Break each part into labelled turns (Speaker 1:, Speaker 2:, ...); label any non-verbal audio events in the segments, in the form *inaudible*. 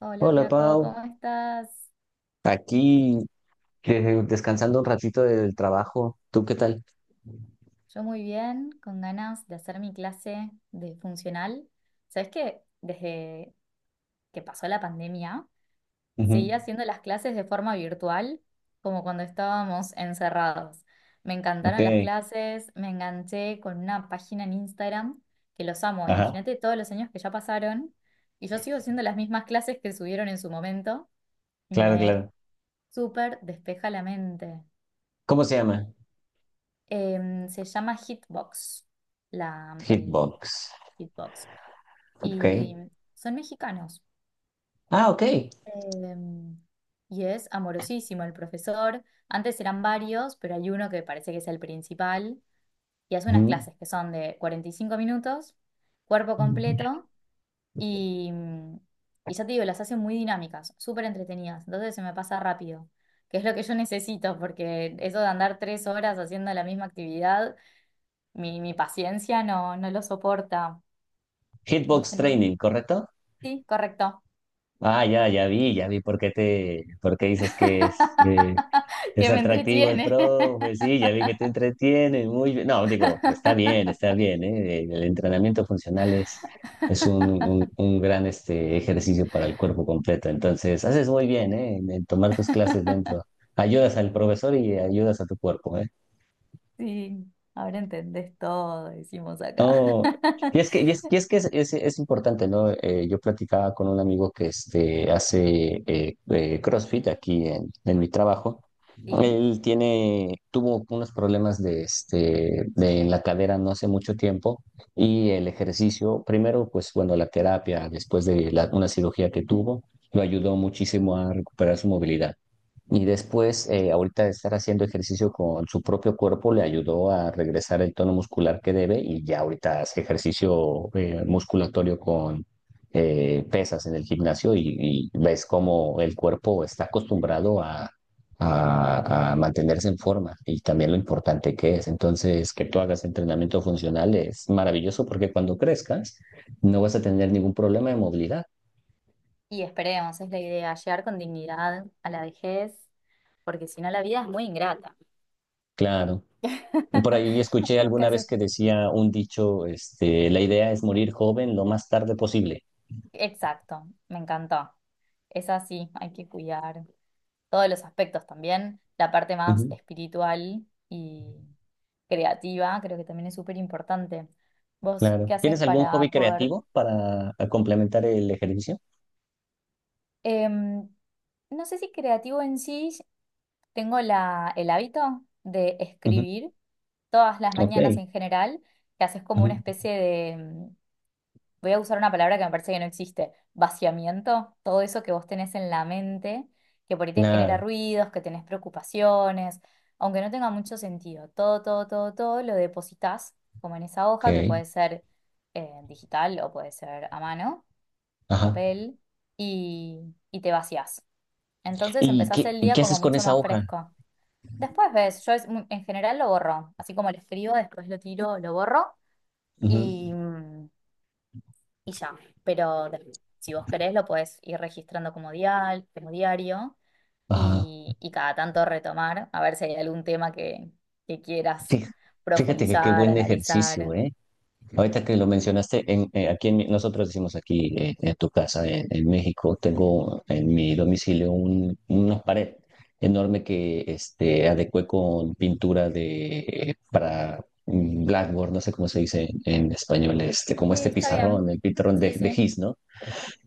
Speaker 1: Hola
Speaker 2: Hola
Speaker 1: Flaco,
Speaker 2: Pau,
Speaker 1: ¿cómo estás?
Speaker 2: aquí descansando un ratito del trabajo. ¿Tú qué tal?
Speaker 1: Yo muy bien, con ganas de hacer mi clase de funcional. ¿Sabes que desde que pasó la pandemia, seguí
Speaker 2: Ujú.
Speaker 1: haciendo las clases de forma virtual, como cuando estábamos encerrados? Me
Speaker 2: Ok,
Speaker 1: encantaron las clases, me enganché con una página en Instagram que los amo.
Speaker 2: ajá,
Speaker 1: Imagínate todos los años que ya pasaron y yo sigo haciendo las mismas clases que subieron en su momento y
Speaker 2: claro,
Speaker 1: me
Speaker 2: claro.
Speaker 1: súper despeja la mente.
Speaker 2: ¿Cómo se llama?
Speaker 1: Se llama Hitbox, el
Speaker 2: Hitbox.
Speaker 1: Hitbox.
Speaker 2: Ok.
Speaker 1: Y son mexicanos.
Speaker 2: Ah, ok.
Speaker 1: Em, y es amorosísimo el profesor. Antes eran varios, pero hay uno que parece que es el principal. Y hace unas
Speaker 2: Ujú.
Speaker 1: clases que son de 45 minutos, cuerpo completo. Y, y ya te digo, las hace muy dinámicas, súper entretenidas. Entonces se me pasa rápido, que es lo que yo necesito, porque eso de andar 3 horas haciendo la misma actividad. Mi paciencia no, no lo soporta. ¿Vos
Speaker 2: Hitbox
Speaker 1: tenés?
Speaker 2: Training, ¿correcto?
Speaker 1: Sí, correcto.
Speaker 2: Ah, ya vi por qué por qué dices que es.
Speaker 1: *laughs*
Speaker 2: Es
Speaker 1: Que me
Speaker 2: atractivo el
Speaker 1: entretiene.
Speaker 2: profe, sí, ya vi que te entretiene, muy bien. No, digo,
Speaker 1: *laughs*
Speaker 2: está bien, ¿eh? El entrenamiento funcional es un gran este, ejercicio para el cuerpo completo. Entonces, haces muy bien, ¿eh? En tomar tus clases dentro. Ayudas al profesor y ayudas a tu cuerpo, ¿eh?
Speaker 1: Sí, ahora entendés todo, decimos acá.
Speaker 2: No,
Speaker 1: *laughs*
Speaker 2: y es que es importante, ¿no? Yo platicaba con un amigo que este, hace CrossFit aquí en mi trabajo.
Speaker 1: Sí,
Speaker 2: Él tuvo unos problemas este, en la cadera no hace mucho tiempo y el ejercicio, primero, pues bueno, la terapia después de una cirugía que tuvo, lo ayudó muchísimo a recuperar su movilidad. Y después, ahorita de estar haciendo ejercicio con su propio cuerpo, le ayudó a regresar el tono muscular que debe y ya ahorita hace ejercicio musculatorio con pesas en el gimnasio y ves cómo el cuerpo está acostumbrado a mantenerse en forma y también lo importante que es. Entonces, que tú hagas entrenamiento funcional es maravilloso porque cuando crezcas no vas a tener ningún problema de movilidad.
Speaker 1: y esperemos, es la idea, llegar con dignidad a la vejez, porque si no la vida es muy ingrata.
Speaker 2: Claro. Por
Speaker 1: *laughs*
Speaker 2: ahí escuché
Speaker 1: ¿Vos qué
Speaker 2: alguna vez
Speaker 1: haces?
Speaker 2: que decía un dicho, este, la idea es morir joven lo más tarde posible.
Speaker 1: Exacto, me encantó. Es así, hay que cuidar todos los aspectos también, la parte más
Speaker 2: Ujú,
Speaker 1: espiritual y creativa, creo que también es súper importante. ¿Vos
Speaker 2: claro.
Speaker 1: qué haces
Speaker 2: ¿Tienes algún hobby
Speaker 1: para poder
Speaker 2: creativo para a complementar el ejercicio?
Speaker 1: em, no sé si creativo en sí, tengo el hábito de
Speaker 2: Ujú,
Speaker 1: escribir todas las
Speaker 2: ok.
Speaker 1: mañanas en general, que haces como una
Speaker 2: Ujú,
Speaker 1: especie de, voy a usar una palabra que me parece que no existe, vaciamiento, todo eso que vos tenés en la mente, que por ahí te genera
Speaker 2: claro.
Speaker 1: ruidos, que tenés preocupaciones, aunque no tenga mucho sentido, todo, todo, todo, todo lo depositas como en esa
Speaker 2: Ok.
Speaker 1: hoja que puede ser digital o puede ser a mano, en
Speaker 2: Ajá.
Speaker 1: papel, y, y te vacías. Entonces
Speaker 2: ¿Y
Speaker 1: empezás
Speaker 2: qué,
Speaker 1: el
Speaker 2: y
Speaker 1: día
Speaker 2: qué
Speaker 1: como
Speaker 2: haces con
Speaker 1: mucho
Speaker 2: esa
Speaker 1: más
Speaker 2: hoja?
Speaker 1: fresco. Después ves, yo es en general lo borro, así como lo escribo, después lo tiro, lo borro
Speaker 2: Ujú,
Speaker 1: y... mm, y ya. Pero si vos querés, lo podés ir registrando como diario
Speaker 2: ajá.
Speaker 1: y cada tanto retomar, a ver si hay algún tema que quieras
Speaker 2: Fí- Fíjate que qué
Speaker 1: profundizar,
Speaker 2: buen ejercicio,
Speaker 1: analizar.
Speaker 2: ¿eh? Ahorita que lo mencionaste, aquí en nosotros decimos aquí en tu casa, en México, tengo en mi domicilio una pared enorme que este, adecué con pintura para blackboard, no sé cómo se dice en español, este, como
Speaker 1: Sí,
Speaker 2: este
Speaker 1: está bien.
Speaker 2: pizarrón, el pizarrón
Speaker 1: Sí,
Speaker 2: de
Speaker 1: sí.
Speaker 2: gis, ¿no?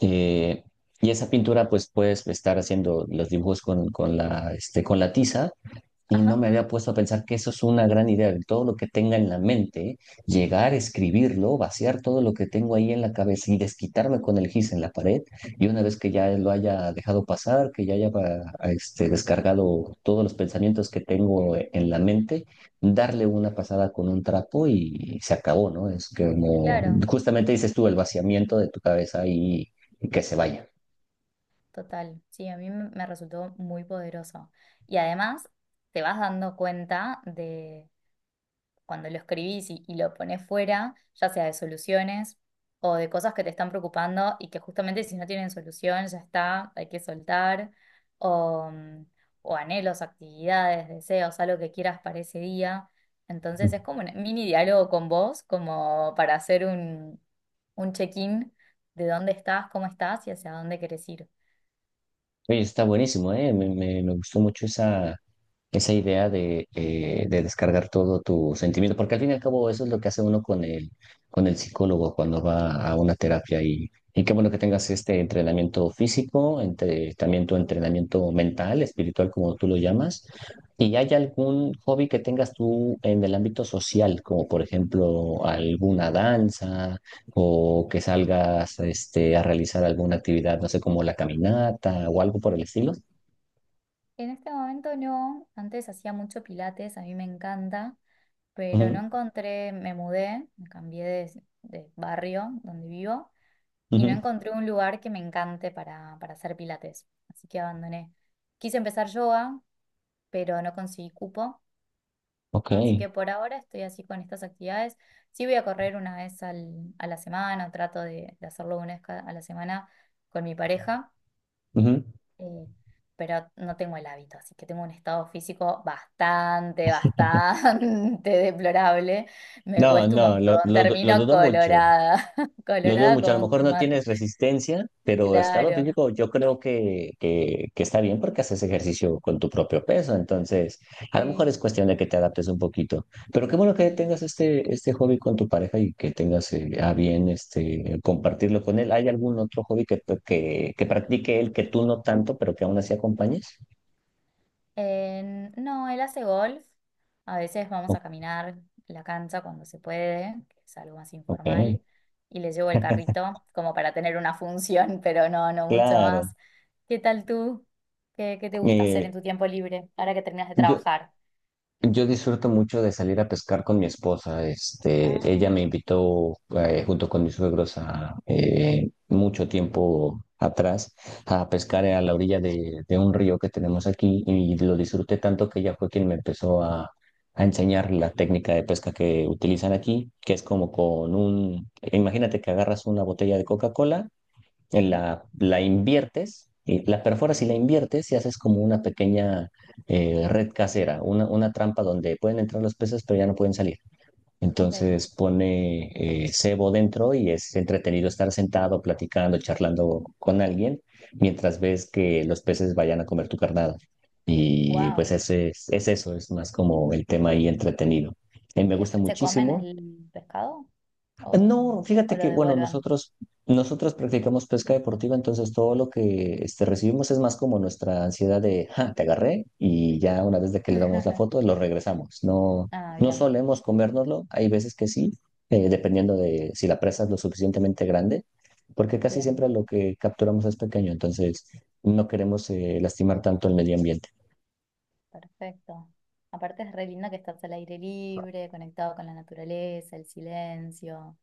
Speaker 2: Eh, y esa pintura, pues puedes estar haciendo los dibujos con la tiza y no
Speaker 1: Ajá,
Speaker 2: me había puesto a pensar que eso es una gran idea, el todo lo que tenga en la mente, llegar, escribirlo, vaciar todo lo que tengo ahí en la cabeza y desquitarme con el gis en la pared. Y una vez que ya lo haya dejado pasar, que ya haya este, descargado todos los pensamientos que tengo en la mente, darle una pasada con un trapo y se acabó, ¿no? Es que como
Speaker 1: claro.
Speaker 2: justamente dices tú, el vaciamiento de tu cabeza y que se vaya.
Speaker 1: Total. Sí, a mí me resultó muy poderoso. Y además te vas dando cuenta de cuando lo escribís y lo pones fuera, ya sea de soluciones o de cosas que te están preocupando y que justamente si no tienen solución ya está, hay que soltar, o, mm, o anhelos, actividades, deseos, algo que quieras para ese día. Entonces es como un mini diálogo con vos, como para hacer un, check-in de dónde estás, cómo estás y hacia dónde querés ir.
Speaker 2: Oye, está buenísimo, ¿eh? Me gustó mucho esa idea de descargar todo tu sentimiento, porque al fin y al cabo eso es lo que hace uno con con el psicólogo cuando va a una terapia y qué bueno que tengas este entrenamiento físico, también tu entrenamiento mental, espiritual, como tú lo llamas. ¿Y hay algún hobby que tengas tú en el ámbito social, como por ejemplo alguna danza o que salgas este, a realizar alguna actividad, no sé, como la caminata o algo por el estilo?
Speaker 1: En este momento no, antes hacía mucho pilates, a mí me encanta, pero
Speaker 2: Ujú,
Speaker 1: no encontré, me mudé, me cambié de barrio donde vivo y no
Speaker 2: ujú,
Speaker 1: encontré un lugar que me encante para hacer pilates, así que abandoné. Quise empezar yoga, pero no conseguí cupo,
Speaker 2: Ok.
Speaker 1: así que por ahora estoy así con estas actividades. Sí voy a correr una vez a la semana, o trato de hacerlo una vez a la semana con mi pareja,
Speaker 2: Ujú.
Speaker 1: eh, pero no tengo el hábito, así que tengo un estado físico bastante, bastante *laughs* deplorable. Me
Speaker 2: No,
Speaker 1: cuesta un
Speaker 2: no,
Speaker 1: montón,
Speaker 2: lo
Speaker 1: termino
Speaker 2: dudo mucho.
Speaker 1: colorada, *laughs*
Speaker 2: Lo dudo
Speaker 1: colorada
Speaker 2: mucho. A
Speaker 1: como
Speaker 2: lo
Speaker 1: un
Speaker 2: mejor no
Speaker 1: tomate.
Speaker 2: tienes resistencia, pero estado
Speaker 1: Claro,
Speaker 2: físico yo creo que está bien porque haces ejercicio con tu propio peso. Entonces, a lo mejor es
Speaker 1: sí,
Speaker 2: cuestión de que te adaptes un poquito. Pero qué bueno que tengas
Speaker 1: sí.
Speaker 2: este hobby con tu pareja y que tengas a bien este, compartirlo con él. ¿Hay algún otro hobby que practique él que tú no tanto, pero que aún así acompañes?
Speaker 1: No, él hace golf. A veces vamos
Speaker 2: O-
Speaker 1: a caminar la cancha cuando se puede, que es algo más
Speaker 2: Ok,
Speaker 1: informal. Y le llevo el carrito como para tener una función, *laughs* pero no, no mucho
Speaker 2: claro.
Speaker 1: más. ¿Qué tal tú? ¿Qué te gusta hacer
Speaker 2: Eh,
Speaker 1: en tu tiempo libre ahora que terminas de
Speaker 2: yo,
Speaker 1: trabajar?
Speaker 2: Yo disfruto mucho de salir a pescar con mi esposa. Este,
Speaker 1: Ah,
Speaker 2: ella me invitó junto con mis suegros a mucho tiempo atrás a pescar a la orilla de un río que tenemos aquí y lo disfruté tanto que ella fue quien me empezó a enseñar la técnica de pesca que utilizan aquí, que es como imagínate que agarras una botella de Coca-Cola,
Speaker 1: sí,
Speaker 2: la inviertes, y la perforas y la inviertes y haces como una pequeña red casera, una trampa donde pueden entrar los peces pero ya no pueden salir.
Speaker 1: ok.
Speaker 2: Entonces pone cebo dentro y es entretenido estar sentado, platicando, charlando con alguien mientras ves que los peces vayan a comer tu carnada. Y pues
Speaker 1: Wow.
Speaker 2: ese es eso, es más como el tema ahí entretenido. Me
Speaker 1: ¿Y
Speaker 2: gusta
Speaker 1: después se comen
Speaker 2: muchísimo.
Speaker 1: el pescado o,
Speaker 2: No,
Speaker 1: o
Speaker 2: fíjate
Speaker 1: lo
Speaker 2: que, bueno,
Speaker 1: devuelven?
Speaker 2: nosotros practicamos pesca deportiva, entonces todo lo que este, recibimos es más como nuestra ansiedad de, ja, te agarré, y ya una vez de que le damos la
Speaker 1: *laughs*
Speaker 2: foto, lo regresamos. No,
Speaker 1: Ah,
Speaker 2: no
Speaker 1: bien,
Speaker 2: solemos comérnoslo, hay veces que sí, dependiendo de si la presa es lo suficientemente grande, porque casi siempre
Speaker 1: bien.
Speaker 2: lo que capturamos es pequeño, entonces no queremos lastimar tanto el medio ambiente.
Speaker 1: Perfecto. Aparte es re lindo que estás al aire libre, conectado con la naturaleza, el silencio.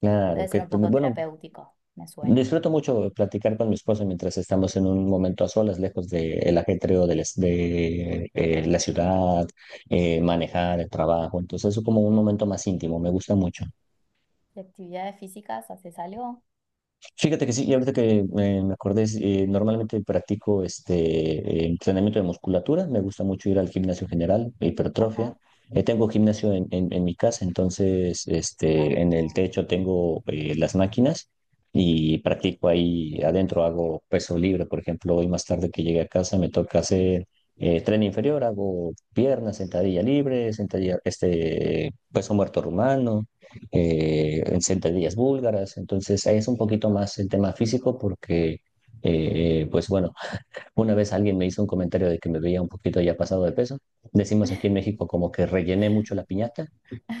Speaker 2: Claro,
Speaker 1: Debe
Speaker 2: que,
Speaker 1: ser un
Speaker 2: pues,
Speaker 1: poco
Speaker 2: bueno,
Speaker 1: terapéutico, me suena.
Speaker 2: disfruto mucho platicar con mi esposa mientras estamos en un momento a solas, lejos del ajetreo de la ciudad, manejar el trabajo. Entonces es como un momento más íntimo, me gusta mucho.
Speaker 1: ¿De actividades físicas haces algo?
Speaker 2: Fíjate que sí, y ahorita que me acordé, normalmente practico este entrenamiento de musculatura, me gusta mucho ir al gimnasio general, hipertrofia.
Speaker 1: Ajá.
Speaker 2: Tengo gimnasio en mi casa, entonces este, en el
Speaker 1: Ah.
Speaker 2: techo tengo las máquinas y practico ahí adentro, hago peso libre, por ejemplo, hoy más tarde que llegué a casa me toca hacer tren inferior, hago piernas, sentadilla libre, sentadilla, este, peso muerto rumano, en sentadillas búlgaras, entonces ahí es un poquito más el tema físico porque, pues bueno, una vez alguien me hizo un comentario de que me veía un poquito ya pasado de peso, decimos aquí en México como que rellené mucho la piñata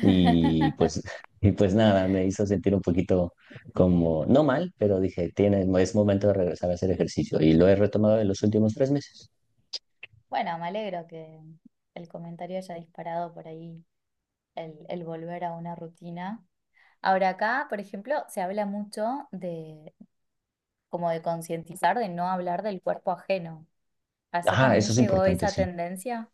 Speaker 2: y pues, *laughs* y pues nada, me hizo sentir un poquito como, no mal, pero dije, es momento de regresar a hacer ejercicio y lo he retomado en los últimos 3 meses.
Speaker 1: Bueno, me alegro que el comentario haya disparado por ahí el volver a una rutina. Ahora acá, por ejemplo, se habla mucho de como de concientizar, de no hablar del cuerpo ajeno. ¿Allá
Speaker 2: Ah,
Speaker 1: también
Speaker 2: eso es
Speaker 1: llegó
Speaker 2: importante,
Speaker 1: esa
Speaker 2: sí.
Speaker 1: tendencia?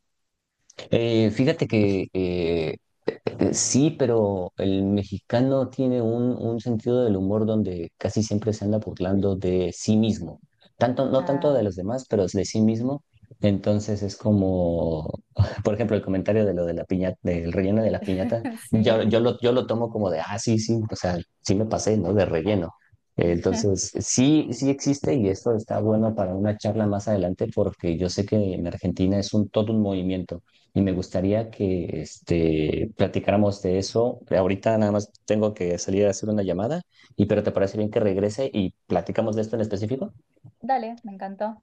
Speaker 2: Fíjate que sí, pero el mexicano tiene un sentido del humor donde casi siempre se anda burlando de sí mismo. No tanto
Speaker 1: Ah,
Speaker 2: de los demás, pero de sí mismo. Entonces es como, *laughs* por ejemplo, el comentario de lo de la piñata, del relleno de la piñata,
Speaker 1: *laughs* sí.
Speaker 2: yo lo tomo como de, ah, sí, sí, o sea, sí me pasé, ¿no? De relleno. Entonces,
Speaker 1: *laughs*
Speaker 2: sí, sí existe y esto está bueno para una charla más adelante porque yo sé que en Argentina es un todo un movimiento y me gustaría que este, platicáramos de eso. Ahorita nada más tengo que salir a hacer una llamada, pero ¿te parece bien que regrese y platicamos de esto en específico?
Speaker 1: Dale, me encantó.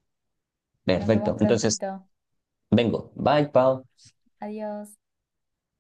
Speaker 1: Nos vemos
Speaker 2: Perfecto. Entonces,
Speaker 1: prontito.
Speaker 2: vengo. Bye, Pau.
Speaker 1: Adiós.